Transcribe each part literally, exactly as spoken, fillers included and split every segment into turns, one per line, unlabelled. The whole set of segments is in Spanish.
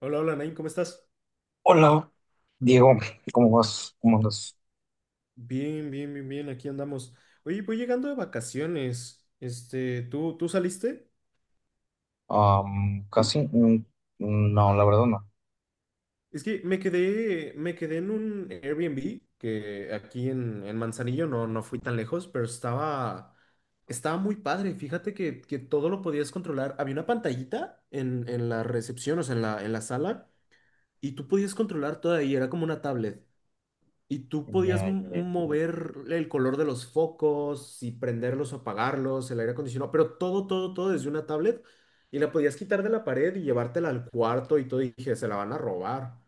Hola, hola, Nain, ¿cómo estás?
Hola, Diego, ¿cómo vas? ¿Cómo andas?
Bien, bien, bien, bien, aquí andamos. Oye, voy llegando de vacaciones. Este, ¿tú, tú saliste?
Am, casi, mm, no, la verdad no.
Es que me quedé, me quedé en un Airbnb que aquí en, en Manzanillo no, no fui tan lejos, pero estaba, estaba muy padre. Fíjate que, que todo lo podías controlar. Había una pantallita en, en la recepción, o sea, en la, en la sala, y tú podías controlar todo ahí, era como una tablet. Y tú podías
Ya, ya,
m-
ya.
mover el color de los focos y prenderlos o apagarlos, el aire acondicionado, pero todo, todo, todo desde una tablet y la podías quitar de la pared y llevártela al cuarto y todo. Y dije, se la van a robar.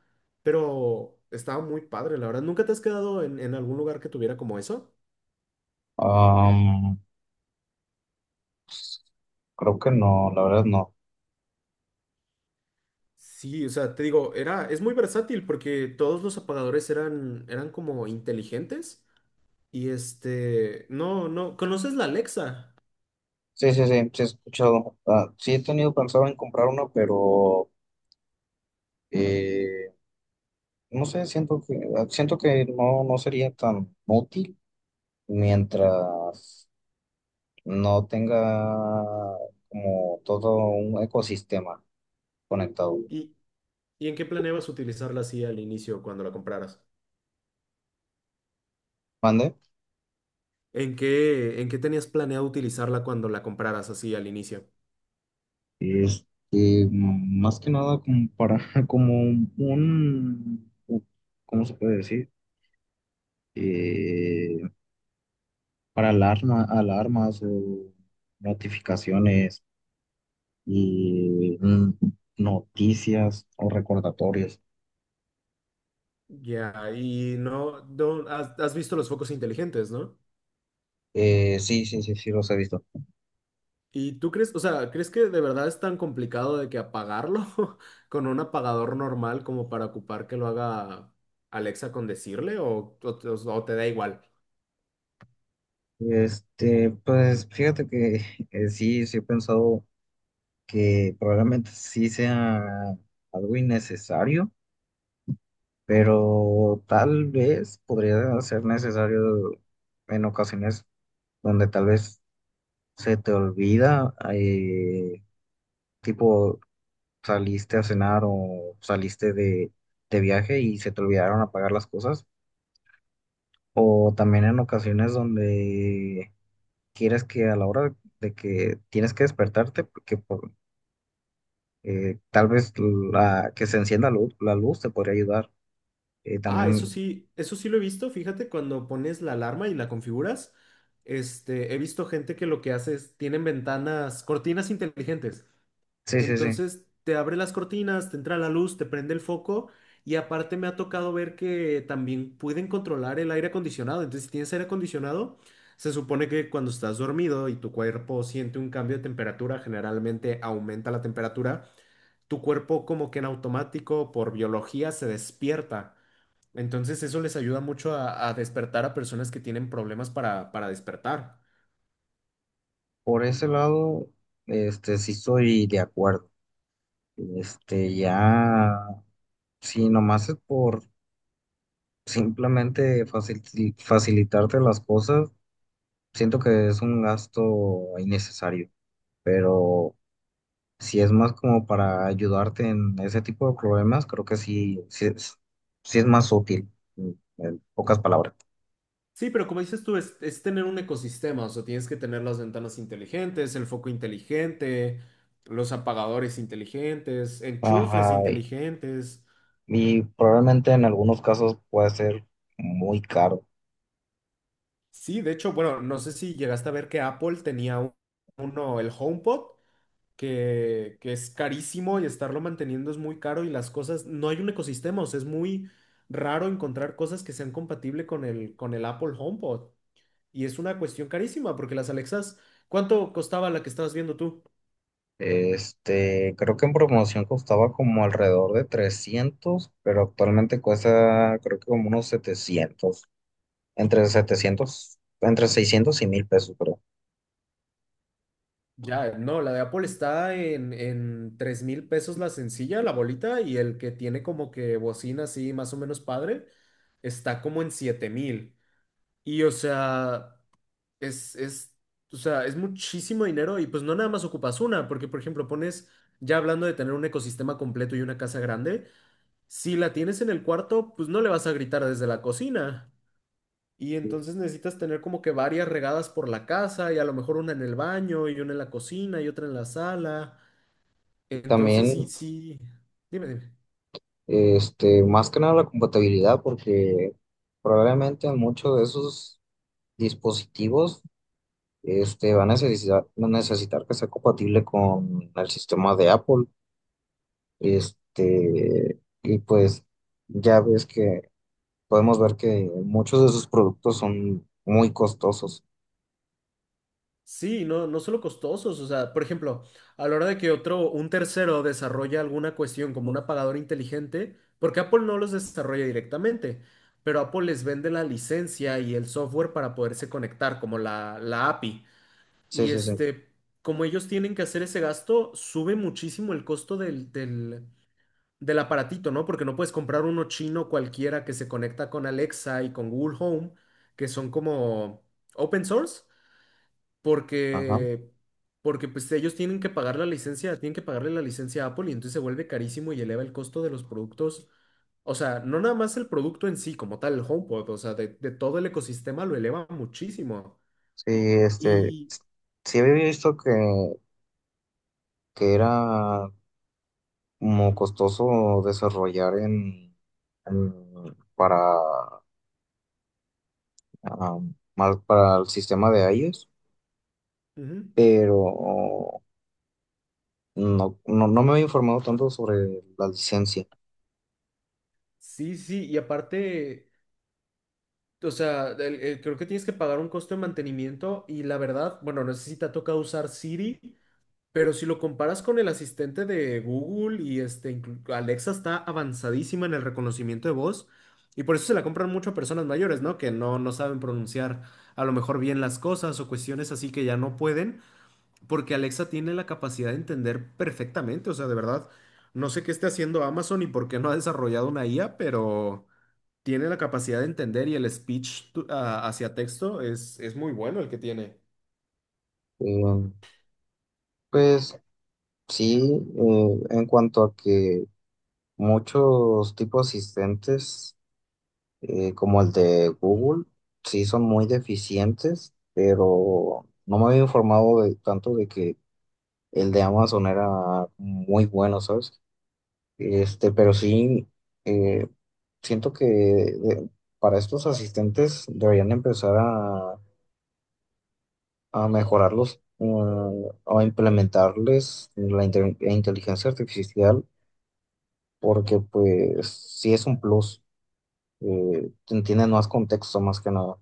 Pero estaba muy padre, la verdad. ¿Nunca te has quedado en, en algún lugar que tuviera como eso?
Am, Creo que no, la verdad no.
Sí, o sea, te digo, era, es muy versátil porque todos los apagadores eran, eran como inteligentes. Y este, no, no, ¿conoces la Alexa?
Sí, sí, sí, sí he escuchado. Ah, sí he tenido pensado en comprar uno, pero eh, no sé, siento que siento que no, no sería tan útil mientras no tenga como todo un ecosistema conectado.
Y, ¿y en qué planeabas utilizarla así al inicio cuando la compraras?
¿Mande?
¿En qué, en qué tenías planeado utilizarla cuando la compraras así al inicio?
Este, mm, Más que nada como para, como un, ¿cómo se puede decir? Eh, para alarma, alarmas o notificaciones y mm, noticias o recordatorios.
Ya, y no, no- has, ¿has visto los focos inteligentes, no?
Eh, sí, sí, sí, sí, los he visto.
¿Y tú crees, o sea, crees que de verdad es tan complicado de que apagarlo con un apagador normal como para ocupar que lo haga Alexa con decirle o, o- o te da igual?
Este, pues fíjate que eh, sí, sí he pensado que probablemente sí sea algo innecesario, pero tal vez podría ser necesario en ocasiones donde tal vez se te olvida, eh, tipo saliste a cenar o saliste de, de viaje y se te olvidaron apagar las cosas, o también en ocasiones donde quieres que a la hora de que tienes que despertarte, porque por- eh, tal vez la, que se encienda la luz, la luz te podría ayudar. Eh,
Ah, eso
también,
sí, eso sí lo he visto. Fíjate, cuando pones la alarma y la configuras, este, he visto gente que lo que hace es, tienen ventanas, cortinas inteligentes.
sí, sí, sí.
Entonces, te abre las cortinas, te entra la luz, te prende el foco y aparte me ha tocado ver que también pueden controlar el aire acondicionado. Entonces, si tienes aire acondicionado, se supone que cuando estás dormido y tu cuerpo siente un cambio de temperatura, generalmente aumenta la temperatura, tu cuerpo como que en automático, por biología, se despierta. Entonces eso les ayuda mucho a, a despertar a personas que tienen problemas para, para despertar.
Por ese lado, este, sí estoy de acuerdo. Este, ya, si nomás es por simplemente facil- facilitarte las cosas, siento que es un gasto innecesario. Pero si es más como para ayudarte en ese tipo de problemas, creo que sí, sí es, sí es más útil, en en pocas palabras.
Sí, pero como dices tú, es, es tener un ecosistema, o sea, tienes que tener las ventanas inteligentes, el foco inteligente, los apagadores inteligentes, enchufes
Ajá, y
inteligentes.
y probablemente en algunos casos puede ser muy caro.
Sí, de hecho, bueno, no sé si llegaste a ver que Apple tenía un- uno, el HomePod, que, que es carísimo y estarlo manteniendo es muy caro y las cosas, no hay un ecosistema, o sea, es muy raro encontrar cosas que sean compatibles con el, con el Apple HomePod. Y es una cuestión carísima porque las Alexas, ¿cuánto costaba la que estabas viendo tú?
Este, creo que en promoción costaba como alrededor de trescientos, pero actualmente cuesta creo que como unos setecientos, entre setecientos, entre seiscientos y mil pesos, creo.
Ya, no, la de Apple está en, en tres mil pesos la sencilla, la bolita, y el que tiene como que bocina así más o menos padre, está como en siete mil. Y o sea... Es, es, o sea, es muchísimo dinero y pues no nada más ocupas una, porque por ejemplo pones, ya hablando de tener un ecosistema completo y una casa grande, si la tienes en el cuarto, pues no le vas a gritar desde la cocina. Y entonces necesitas tener como que varias regadas por la casa y a lo mejor una en el baño y una en la cocina y otra en la sala. Entonces
También,
sí, sí, dime, dime.
este, más que nada la compatibilidad, porque probablemente en muchos de esos dispositivos, este, va a necesitar, van a necesitar que sea compatible con el sistema de Apple, este, y pues ya ves que podemos ver que muchos de sus productos son muy costosos.
Sí, no, no solo costosos, o sea, por ejemplo, a la hora de que otro, un tercero desarrolla alguna cuestión como un apagador inteligente, porque Apple no los desarrolla directamente, pero Apple les vende la licencia y el software para poderse conectar, como la, la A P I.
Sí,
Y
sí, sí.
este, como ellos tienen que hacer ese gasto, sube muchísimo el costo del, del, del aparatito, ¿no? Porque no puedes comprar uno chino cualquiera que se conecta con Alexa y con Google Home, que son como open source
Ajá.
porque, porque pues ellos tienen que pagar la licencia, tienen que pagarle la licencia a Apple y entonces se vuelve carísimo y eleva el costo de los productos. O sea, no nada más el producto en sí, como tal, el HomePod, o sea, de, de todo el ecosistema lo eleva muchísimo.
Sí, este,
Y
sí había visto que, que era como costoso desarrollar en, en- para, ah, mal- para el sistema de iOS,
ujú,
pero no, no, no me había informado tanto sobre la licencia.
sí, sí, y aparte, o sea, el- el- creo que tienes que pagar un costo de mantenimiento y la verdad, bueno, no sé si te ha tocado usar Siri, pero si lo comparas con el asistente de Google y este, inclu- Alexa está avanzadísima en el reconocimiento de voz y por eso se la compran mucho a personas mayores, ¿no? Que no, no saben pronunciar a lo mejor bien las cosas o cuestiones así que ya no pueden, porque Alexa tiene la capacidad de entender perfectamente, o sea, de verdad, no sé qué esté haciendo Amazon y por qué no ha desarrollado una I A, pero tiene la capacidad de entender y el speech to- a- hacia texto es, es muy bueno el que tiene.
Eh, pues sí, eh, en cuanto a que muchos tipos asistentes eh, como el de Google, sí son muy deficientes, pero no me había informado de, tanto de que el de Amazon era muy bueno, ¿sabes? Este, pero sí, eh, siento que de- para estos asistentes deberían empezar a, a mejorarlos, mm, o a implementarles la inte- inteligencia artificial, porque pues sí es un plus, eh, entienden más contexto más que nada.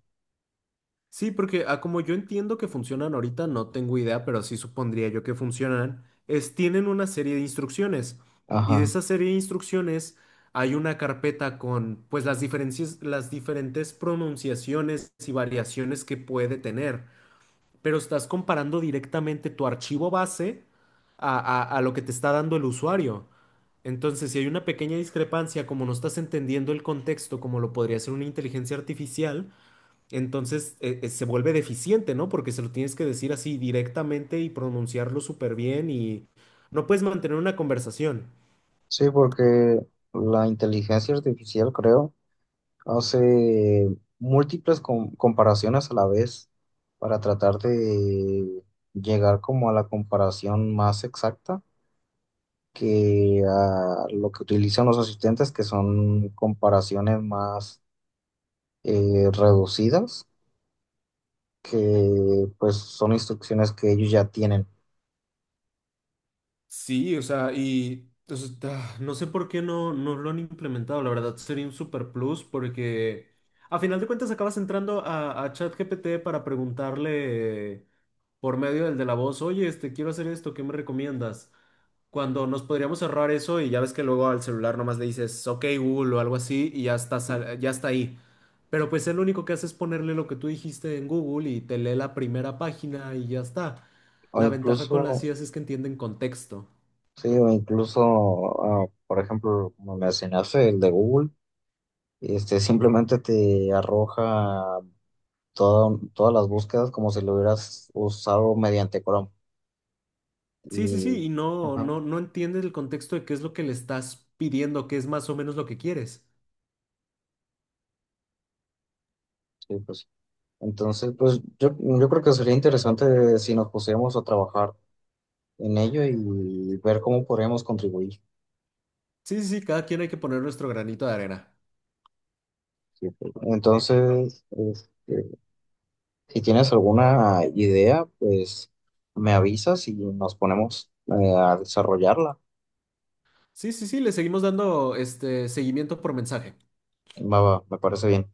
Sí, porque a como yo entiendo que funcionan ahorita, no tengo idea, pero sí supondría yo que funcionan, es tienen una serie de instrucciones. Y de
Ajá.
esa serie de instrucciones hay una carpeta con pues las diferencias, las diferentes pronunciaciones y variaciones que puede tener. Pero estás comparando directamente tu archivo base a, a a lo que te está dando el usuario. Entonces, si hay una pequeña discrepancia, como no estás entendiendo el contexto, como lo podría ser una inteligencia artificial, entonces eh, eh, se vuelve deficiente, ¿no? Porque se lo tienes que decir así directamente y pronunciarlo súper bien y no puedes mantener una conversación.
Sí, porque la inteligencia artificial, creo, hace múltiples com- comparaciones a la vez para tratar de llegar como a la comparación más exacta que a lo que utilizan los asistentes, que son comparaciones más eh, reducidas, que pues son instrucciones que ellos ya tienen.
Sí, o sea, y entonces, ah, no sé por qué no, no lo han implementado, la verdad sería un super plus porque a final de cuentas acabas entrando a, a ChatGPT para preguntarle por medio del de la voz, oye, este, quiero hacer esto, ¿qué me recomiendas? Cuando nos podríamos ahorrar eso y ya ves que luego al celular nomás le dices, ok, Google o algo así y ya está, sal- ya está ahí. Pero pues él lo único que hace es ponerle lo que tú dijiste en Google y te lee la primera página y ya está.
O
La ventaja
incluso,
con las I As es que entienden contexto.
sí, o incluso, ah, por ejemplo, como mencionaste, el de Google. Este, simplemente te arroja todo- todas las búsquedas como si lo hubieras usado mediante Chrome.
Sí, sí,
Y,
sí, y no,
ajá,
no, no entiendes el contexto de qué es lo que le estás pidiendo, qué es más o menos lo que quieres.
sí, pues. Entonces, pues yo, yo creo que sería interesante si nos pusiéramos a trabajar en ello y ver cómo podríamos contribuir.
Sí, sí, sí, cada quien hay que poner nuestro granito de arena.
Sí, pues. Entonces, este, si tienes alguna idea, pues me avisas y nos ponemos eh, a desarrollarla.
Sí, sí, sí, le seguimos dando este seguimiento por mensaje.
Va, va, me parece bien.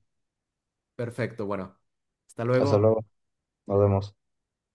Perfecto, bueno. Hasta
Hasta
luego.
luego, nos vemos.